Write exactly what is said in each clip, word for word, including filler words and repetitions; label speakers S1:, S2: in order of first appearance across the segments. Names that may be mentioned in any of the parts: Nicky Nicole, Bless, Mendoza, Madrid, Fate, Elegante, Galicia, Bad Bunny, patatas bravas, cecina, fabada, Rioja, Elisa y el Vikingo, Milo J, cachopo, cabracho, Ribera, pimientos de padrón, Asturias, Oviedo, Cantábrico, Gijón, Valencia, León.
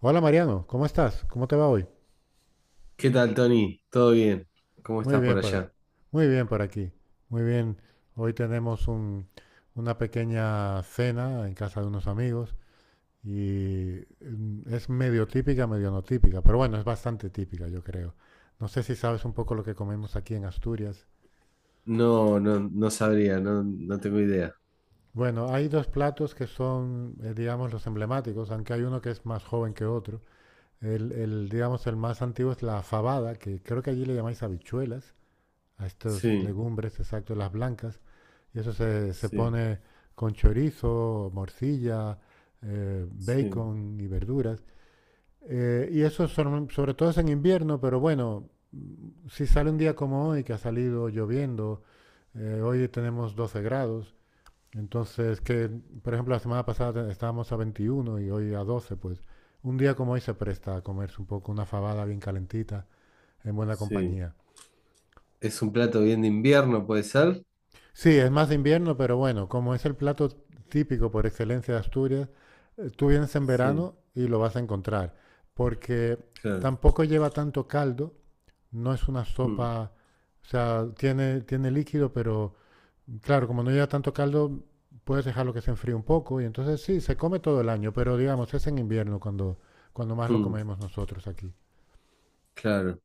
S1: Hola Mariano, ¿cómo estás? ¿Cómo te va hoy?
S2: ¿Qué tal, Tony? ¿Todo bien? ¿Cómo
S1: Muy
S2: estás por
S1: bien por aquí.
S2: allá?
S1: Muy bien por aquí. Muy bien. Hoy tenemos un- una pequeña cena en casa de unos amigos y mm, es medio típica, medio no típica, pero bueno, es bastante típica, yo creo. No sé si sabes un poco lo que comemos aquí en Asturias.
S2: No, no, no sabría, no, no tengo idea.
S1: Bueno, hay dos platos que son, eh, digamos, los emblemáticos, aunque hay uno que es más joven que otro. El, el, digamos, el más antiguo es la fabada, que creo que allí le llamáis habichuelas a estas
S2: Sí,
S1: legumbres, exacto, las blancas, y eso se, se
S2: sí,
S1: pone con chorizo, morcilla, eh,
S2: sí,
S1: bacon y verduras. Eh, y eso son- sobre todo es en invierno, pero bueno, si sale un día como hoy, que ha salido lloviendo, eh, hoy tenemos doce grados, entonces que, por ejemplo, la semana pasada estábamos a veintiuno y hoy a doce pues un día como hoy se presta a comerse un poco una fabada bien calentita, en buena
S2: sí.
S1: compañía.
S2: ¿Es un plato bien de invierno, puede ser?
S1: Sí, es más de invierno, pero bueno, como es el plato típico por excelencia de Asturias, eh, tú vienes en
S2: Sí,
S1: verano y lo vas a encontrar, porque
S2: claro.
S1: tampoco lleva tanto caldo, no es una
S2: Mm,
S1: sopa, o sea, tiene, tiene líquido, pero claro, como no lleva tanto caldo, puedes dejarlo que se enfríe un poco y entonces sí, se come todo el año, pero digamos, es en invierno cuando, cuando más lo
S2: mm,
S1: comemos nosotros aquí.
S2: claro.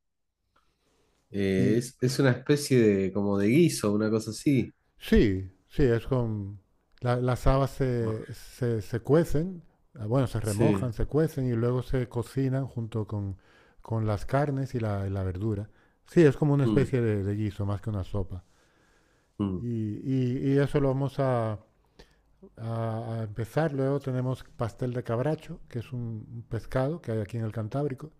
S2: Eh, es, es una especie de como de guiso, una cosa así.
S1: Sí, sí, es con... la- las habas
S2: Oh,
S1: se, se, se cuecen, ah, bueno, se remojan,
S2: sí.
S1: se cuecen y luego se cocinan junto con, con las carnes y la, y la verdura. Sí, es como una
S2: Mm,
S1: especie de, de guiso, más que una sopa.
S2: mm,
S1: Y, y- y eso lo vamos a, a- a empezar. Luego tenemos pastel de cabracho, que es un, un pescado que hay aquí en el Cantábrico.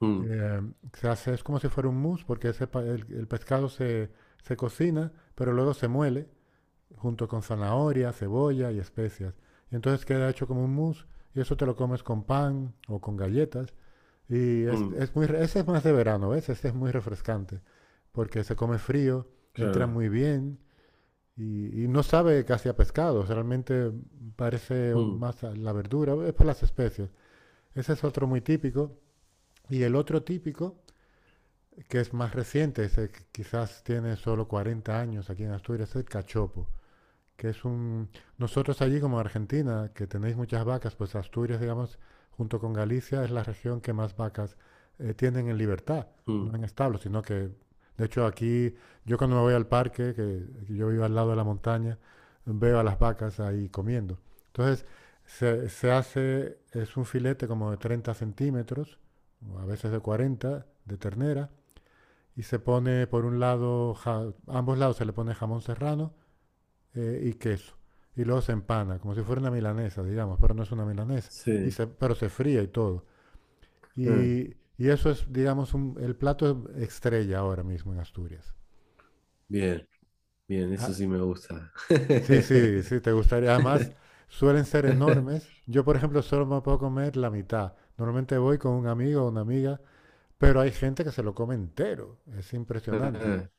S2: mm,
S1: Eh, Se hace, es como si fuera un mousse, porque ese pa- el, el pescado se, se cocina, pero luego se muele junto con zanahoria, cebolla y especias. Y entonces queda hecho como un mousse y eso te lo comes con pan o con galletas. Y es,
S2: mm,
S1: es muy, ese es más de verano, ¿ves? Ese es muy refrescante porque se come frío, entra
S2: claro.
S1: muy bien y, y no sabe casi a pescado. Realmente parece
S2: Mm,
S1: más a la verdura, es por las especies. Ese es otro muy típico. Y el otro típico, que es más reciente, ese que quizás tiene solo cuarenta años aquí en Asturias, es el cachopo que es un... Nosotros allí como Argentina, que tenéis muchas vacas, pues Asturias, digamos, junto con Galicia, es la región que más vacas eh, tienen en libertad,
S2: mm,
S1: no en establos, sino que, de hecho, aquí, yo cuando me voy al parque, que que yo vivo al lado de la montaña, veo a las vacas ahí comiendo. Entonces, se, se hace, es un filete como de treinta centímetros, o a veces de cuarenta de ternera, y se pone por un lado, ja- a ambos lados se le pone jamón serrano, eh, y queso. Y luego se empana, como si fuera una milanesa, digamos, pero no es una milanesa. Y
S2: sí.
S1: se, pero se fría y todo.
S2: Ah,
S1: Y, y eso es, digamos, un- el plato estrella ahora mismo en Asturias.
S2: bien, bien, eso
S1: Ah,
S2: sí me gusta.
S1: sí, sí, sí, te gustaría. Además, suelen ser enormes. Yo, por ejemplo, solo me puedo comer la mitad. Normalmente voy con un amigo o una amiga, pero hay gente que se lo come entero. Es impresionante.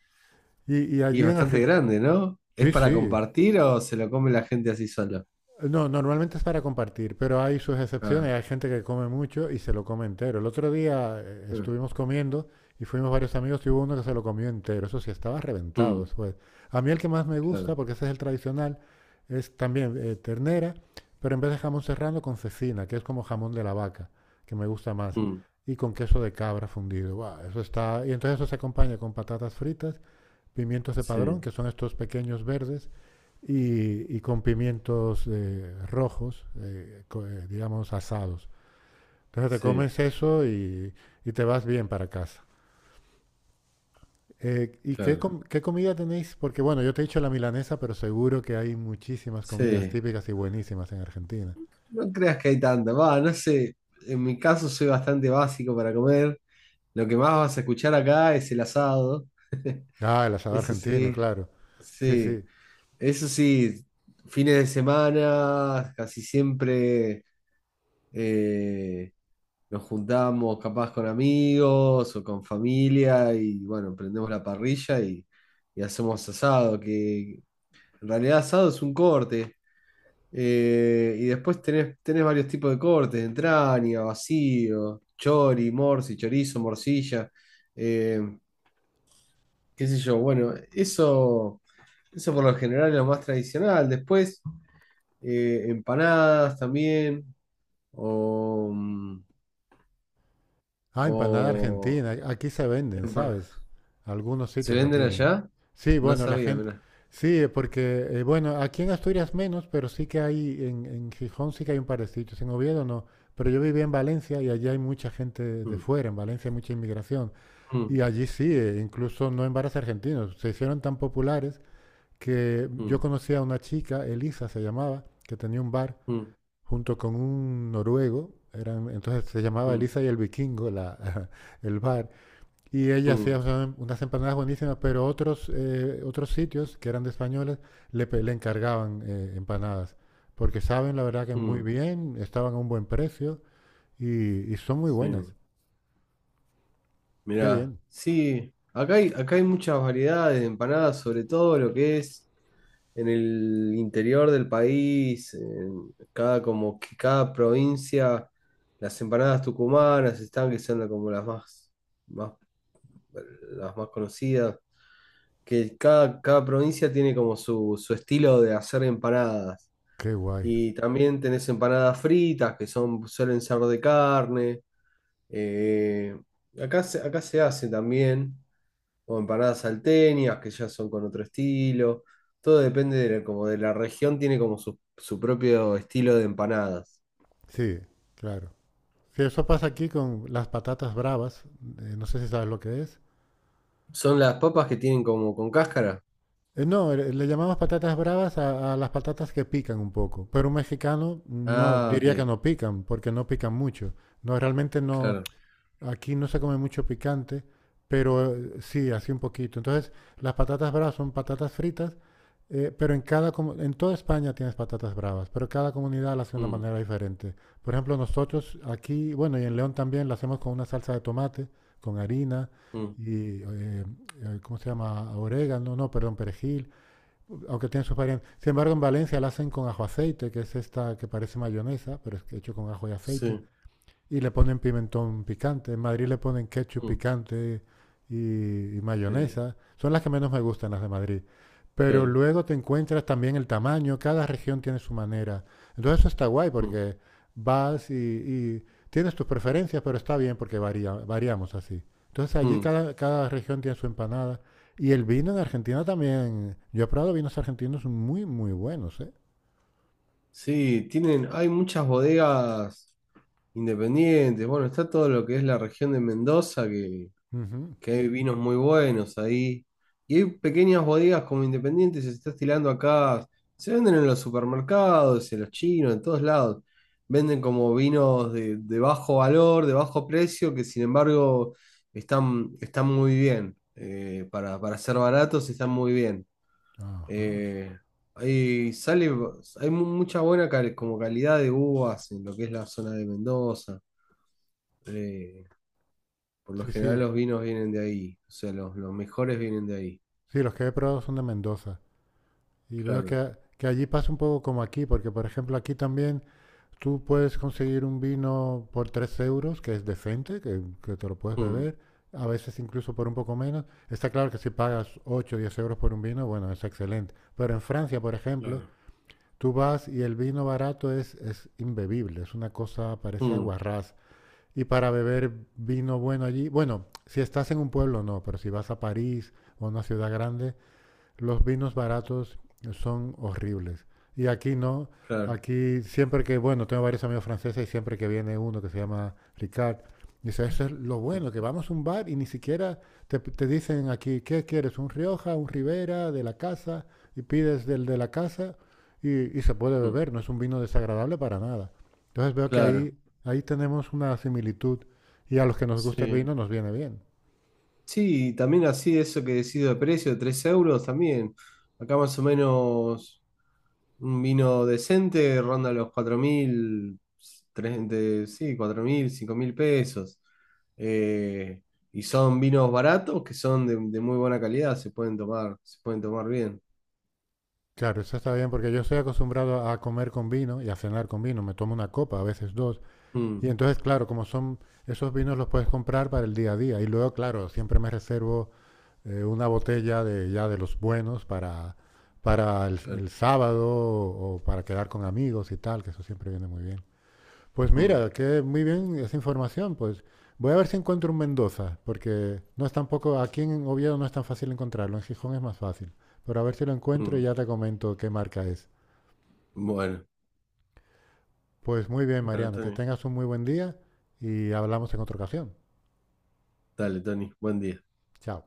S1: Y, y
S2: Y es
S1: allí en
S2: bastante
S1: Argentina...
S2: grande, ¿no? ¿Es
S1: Sí,
S2: para
S1: sí.
S2: compartir o se lo come la gente así solo?
S1: No, normalmente es para compartir, pero hay sus excepciones.
S2: Ah,
S1: Hay gente que come mucho y se lo come entero. El otro día eh,
S2: ah,
S1: estuvimos comiendo y fuimos varios amigos y hubo uno que se lo comió entero. Eso sí, estaba reventado
S2: mm,
S1: después. A mí el que más me gusta,
S2: claro.
S1: porque ese es el tradicional, es también eh, ternera, pero en vez de jamón serrano con cecina, que es como jamón de la vaca, que me gusta más,
S2: Mm,
S1: y con queso de cabra fundido. ¡Guau! Eso está. Y entonces eso se acompaña con patatas fritas, pimientos de padrón,
S2: sí,
S1: que son estos pequeños verdes y, y con pimientos eh, rojos, eh, eh, digamos asados. Entonces te
S2: sí,
S1: comes eso y, y te vas bien para casa. Eh, ¿y qué,
S2: claro.
S1: com- qué comida tenéis? Porque bueno, yo te he dicho la milanesa, pero seguro que hay muchísimas comidas
S2: Sí.
S1: típicas y buenísimas en Argentina.
S2: No creas que hay tanto. Va, no sé. En mi caso soy bastante básico para comer. Lo que más vas a escuchar acá es el asado.
S1: Ah, el asado
S2: Eso
S1: argentino,
S2: sí,
S1: claro. Sí,
S2: sí.
S1: sí.
S2: Eso sí, fines de semana, casi siempre. eh, nos juntamos capaz con amigos o con familia y bueno, prendemos la parrilla y, y hacemos asado, que en realidad asado es un corte. eh, y después tenés, tenés varios tipos de cortes, entraña, vacío, chori, morsi, chorizo, morcilla, eh, qué sé yo. Bueno, eso, eso por lo general es lo más tradicional. Después, eh, empanadas también. O, mm,
S1: Ah, empanada
S2: O
S1: argentina. Aquí se venden,
S2: empana-
S1: ¿sabes? Algunos
S2: ¿Se
S1: sitios lo
S2: venden
S1: tienen.
S2: allá?
S1: Sí,
S2: No
S1: bueno, la
S2: sabía,
S1: gente.
S2: mirá.
S1: Sí, eh, porque, eh, bueno, aquí en Asturias menos, pero sí que hay, en, en Gijón sí que hay un par de sitios. En Oviedo no. Pero yo vivía en Valencia y allí hay mucha gente de
S2: Mm,
S1: fuera. En Valencia hay mucha inmigración.
S2: mm,
S1: Y allí sí, eh, incluso no en bares argentinos. Se hicieron tan populares que yo
S2: mm,
S1: conocí a una chica, Elisa se llamaba, que tenía un bar
S2: mm,
S1: junto con un noruego, eran, entonces se llamaba
S2: mm,
S1: Elisa y el Vikingo, la- el bar, y ella
S2: mm,
S1: hacía unas- empanadas buenísimas, pero otros, eh, otros sitios que eran de españoles le, pe- le encargaban eh, empanadas, porque saben la verdad que muy
S2: mm.
S1: bien, estaban a un buen precio y, y son muy
S2: Sí,
S1: buenas. Qué
S2: mirá.
S1: bien,
S2: Sí, acá hay, acá hay muchas variedades de empanadas, sobre todo lo que es en el interior del país, en cada, como que cada provincia, las empanadas tucumanas están que son la- como las más, más, las más conocidas. Que cada, cada provincia tiene como su, su estilo de hacer empanadas.
S1: qué guay.
S2: Y también tenés empanadas fritas, que son, suelen ser de carne. eh, acá se, acá se hace también, o empanadas salteñas, que ya son con otro estilo. Todo depende de la, como de la región, tiene como su, su propio estilo de empanadas.
S1: Sí, claro. Sí, eso pasa aquí con las patatas bravas, eh, no sé si sabes lo que es.
S2: Son las papas que tienen como con cáscara.
S1: Eh, No, eh, le llamamos patatas bravas a, a las patatas que pican un poco, pero un mexicano no
S2: Ah,
S1: diría que
S2: ok,
S1: no pican, porque no pican mucho. No, realmente no,
S2: claro.
S1: aquí no se come mucho picante, pero eh, sí, así un poquito. Entonces, las patatas bravas son patatas fritas, eh, pero en cada, comu- en toda España tienes patatas bravas, pero cada comunidad las hace de una
S2: Mm,
S1: manera diferente. Por ejemplo, nosotros aquí, bueno, y en León también las hacemos con una salsa de tomate, con harina
S2: mm,
S1: y, eh, eh, ¿cómo se llama? Orégano, no, perdón, perejil, aunque tiene sus variantes. Sin embargo, en Valencia la hacen con ajo aceite, que es esta que parece mayonesa, pero es hecho con ajo y aceite.
S2: sí,
S1: Y le ponen pimentón picante. En Madrid le ponen ketchup
S2: mm,
S1: picante y, y
S2: sí,
S1: mayonesa. Son las que menos me gustan, las de Madrid. Pero
S2: claro.
S1: luego te encuentras también el tamaño. Cada región tiene su manera. Entonces eso está guay
S2: Mm,
S1: porque vas y, y tienes tus preferencias, pero está bien porque varía, variamos así. Entonces allí
S2: mm.
S1: cada, cada región tiene su empanada. Y el vino en Argentina también. Yo he probado vinos argentinos muy, muy buenos, ¿eh?
S2: Sí, tienen, hay muchas bodegas independientes. Bueno, está todo lo que es la región de Mendoza, que,
S1: Ujú.
S2: que hay vinos muy buenos ahí. Y hay pequeñas bodegas como independientes, se está estilando acá. Se venden en los supermercados, en los chinos, en todos lados. Venden como vinos de, de bajo valor, de bajo precio, que sin embargo están, están muy bien. Eh, para, para ser baratos están muy bien.
S1: Ajá.
S2: Eh, hay, sale, hay mu- mucha buena cal- como calidad de uvas en lo que es la zona de Mendoza. Eh, por lo
S1: Sí,
S2: general
S1: sí.
S2: los vinos vienen de ahí, o sea, los, los mejores vienen de ahí.
S1: Sí, los que he probado son de Mendoza. Y veo
S2: Claro.
S1: que, que allí pasa un poco como aquí, porque por ejemplo aquí también tú puedes conseguir un vino por tres euros, que es decente, que, que te lo puedes
S2: Mm,
S1: beber, a veces incluso por un poco menos. Está claro que si pagas ocho o diez euros por un vino, bueno, es excelente. Pero en Francia, por ejemplo,
S2: claro.
S1: tú vas y el vino barato es, es imbebible, es una cosa, parece
S2: Mm,
S1: aguarrás. Y para beber vino bueno allí, bueno, si estás en un pueblo no, pero si vas a París o a una ciudad grande, los vinos baratos son horribles. Y aquí no,
S2: claro.
S1: aquí siempre que, bueno, tengo varios amigos franceses y siempre que viene uno que se llama Ricard, dice, eso es lo
S2: Mm,
S1: bueno, que vamos a un bar y ni siquiera te, te dicen aquí, ¿qué quieres? ¿Un Rioja, un Ribera, de la casa? Y pides del de la casa y, y se puede
S2: mm,
S1: beber, no es un vino desagradable para nada. Entonces veo que
S2: claro.
S1: ahí, ahí tenemos una similitud y a los que nos gusta el
S2: Sí.
S1: vino nos viene bien.
S2: Sí, y también así eso que decido de precio, tres euros también. Acá más o menos. Un vino decente ronda los cuatro mil, tres- de- sí, cuatro mil cinco mil pesos. Eh, y son vinos baratos que son de, de muy buena calidad, se pueden tomar, se pueden tomar bien.
S1: Claro, eso está bien porque yo estoy acostumbrado a comer con vino y a cenar con vino. Me tomo una copa, a veces dos. Y
S2: Mm,
S1: entonces, claro, como son esos vinos los puedes comprar para el día a día. Y luego, claro, siempre me reservo eh, una botella de ya de los buenos para, para el,
S2: claro.
S1: el sábado o, o para quedar con amigos y tal, que eso siempre viene muy bien. Pues
S2: Mm,
S1: mira, que muy bien esa información. Pues voy a ver si encuentro un Mendoza, porque no es tampoco, aquí en Oviedo no es tan fácil encontrarlo, en Gijón es más fácil. Pero a ver si lo encuentro y
S2: mm.
S1: ya te comento qué marca es.
S2: Bueno,
S1: Pues muy bien,
S2: bueno,
S1: Mariano, que
S2: Tony.
S1: tengas un muy buen día y hablamos en otra ocasión.
S2: Dale, Tony, buen día.
S1: Chao.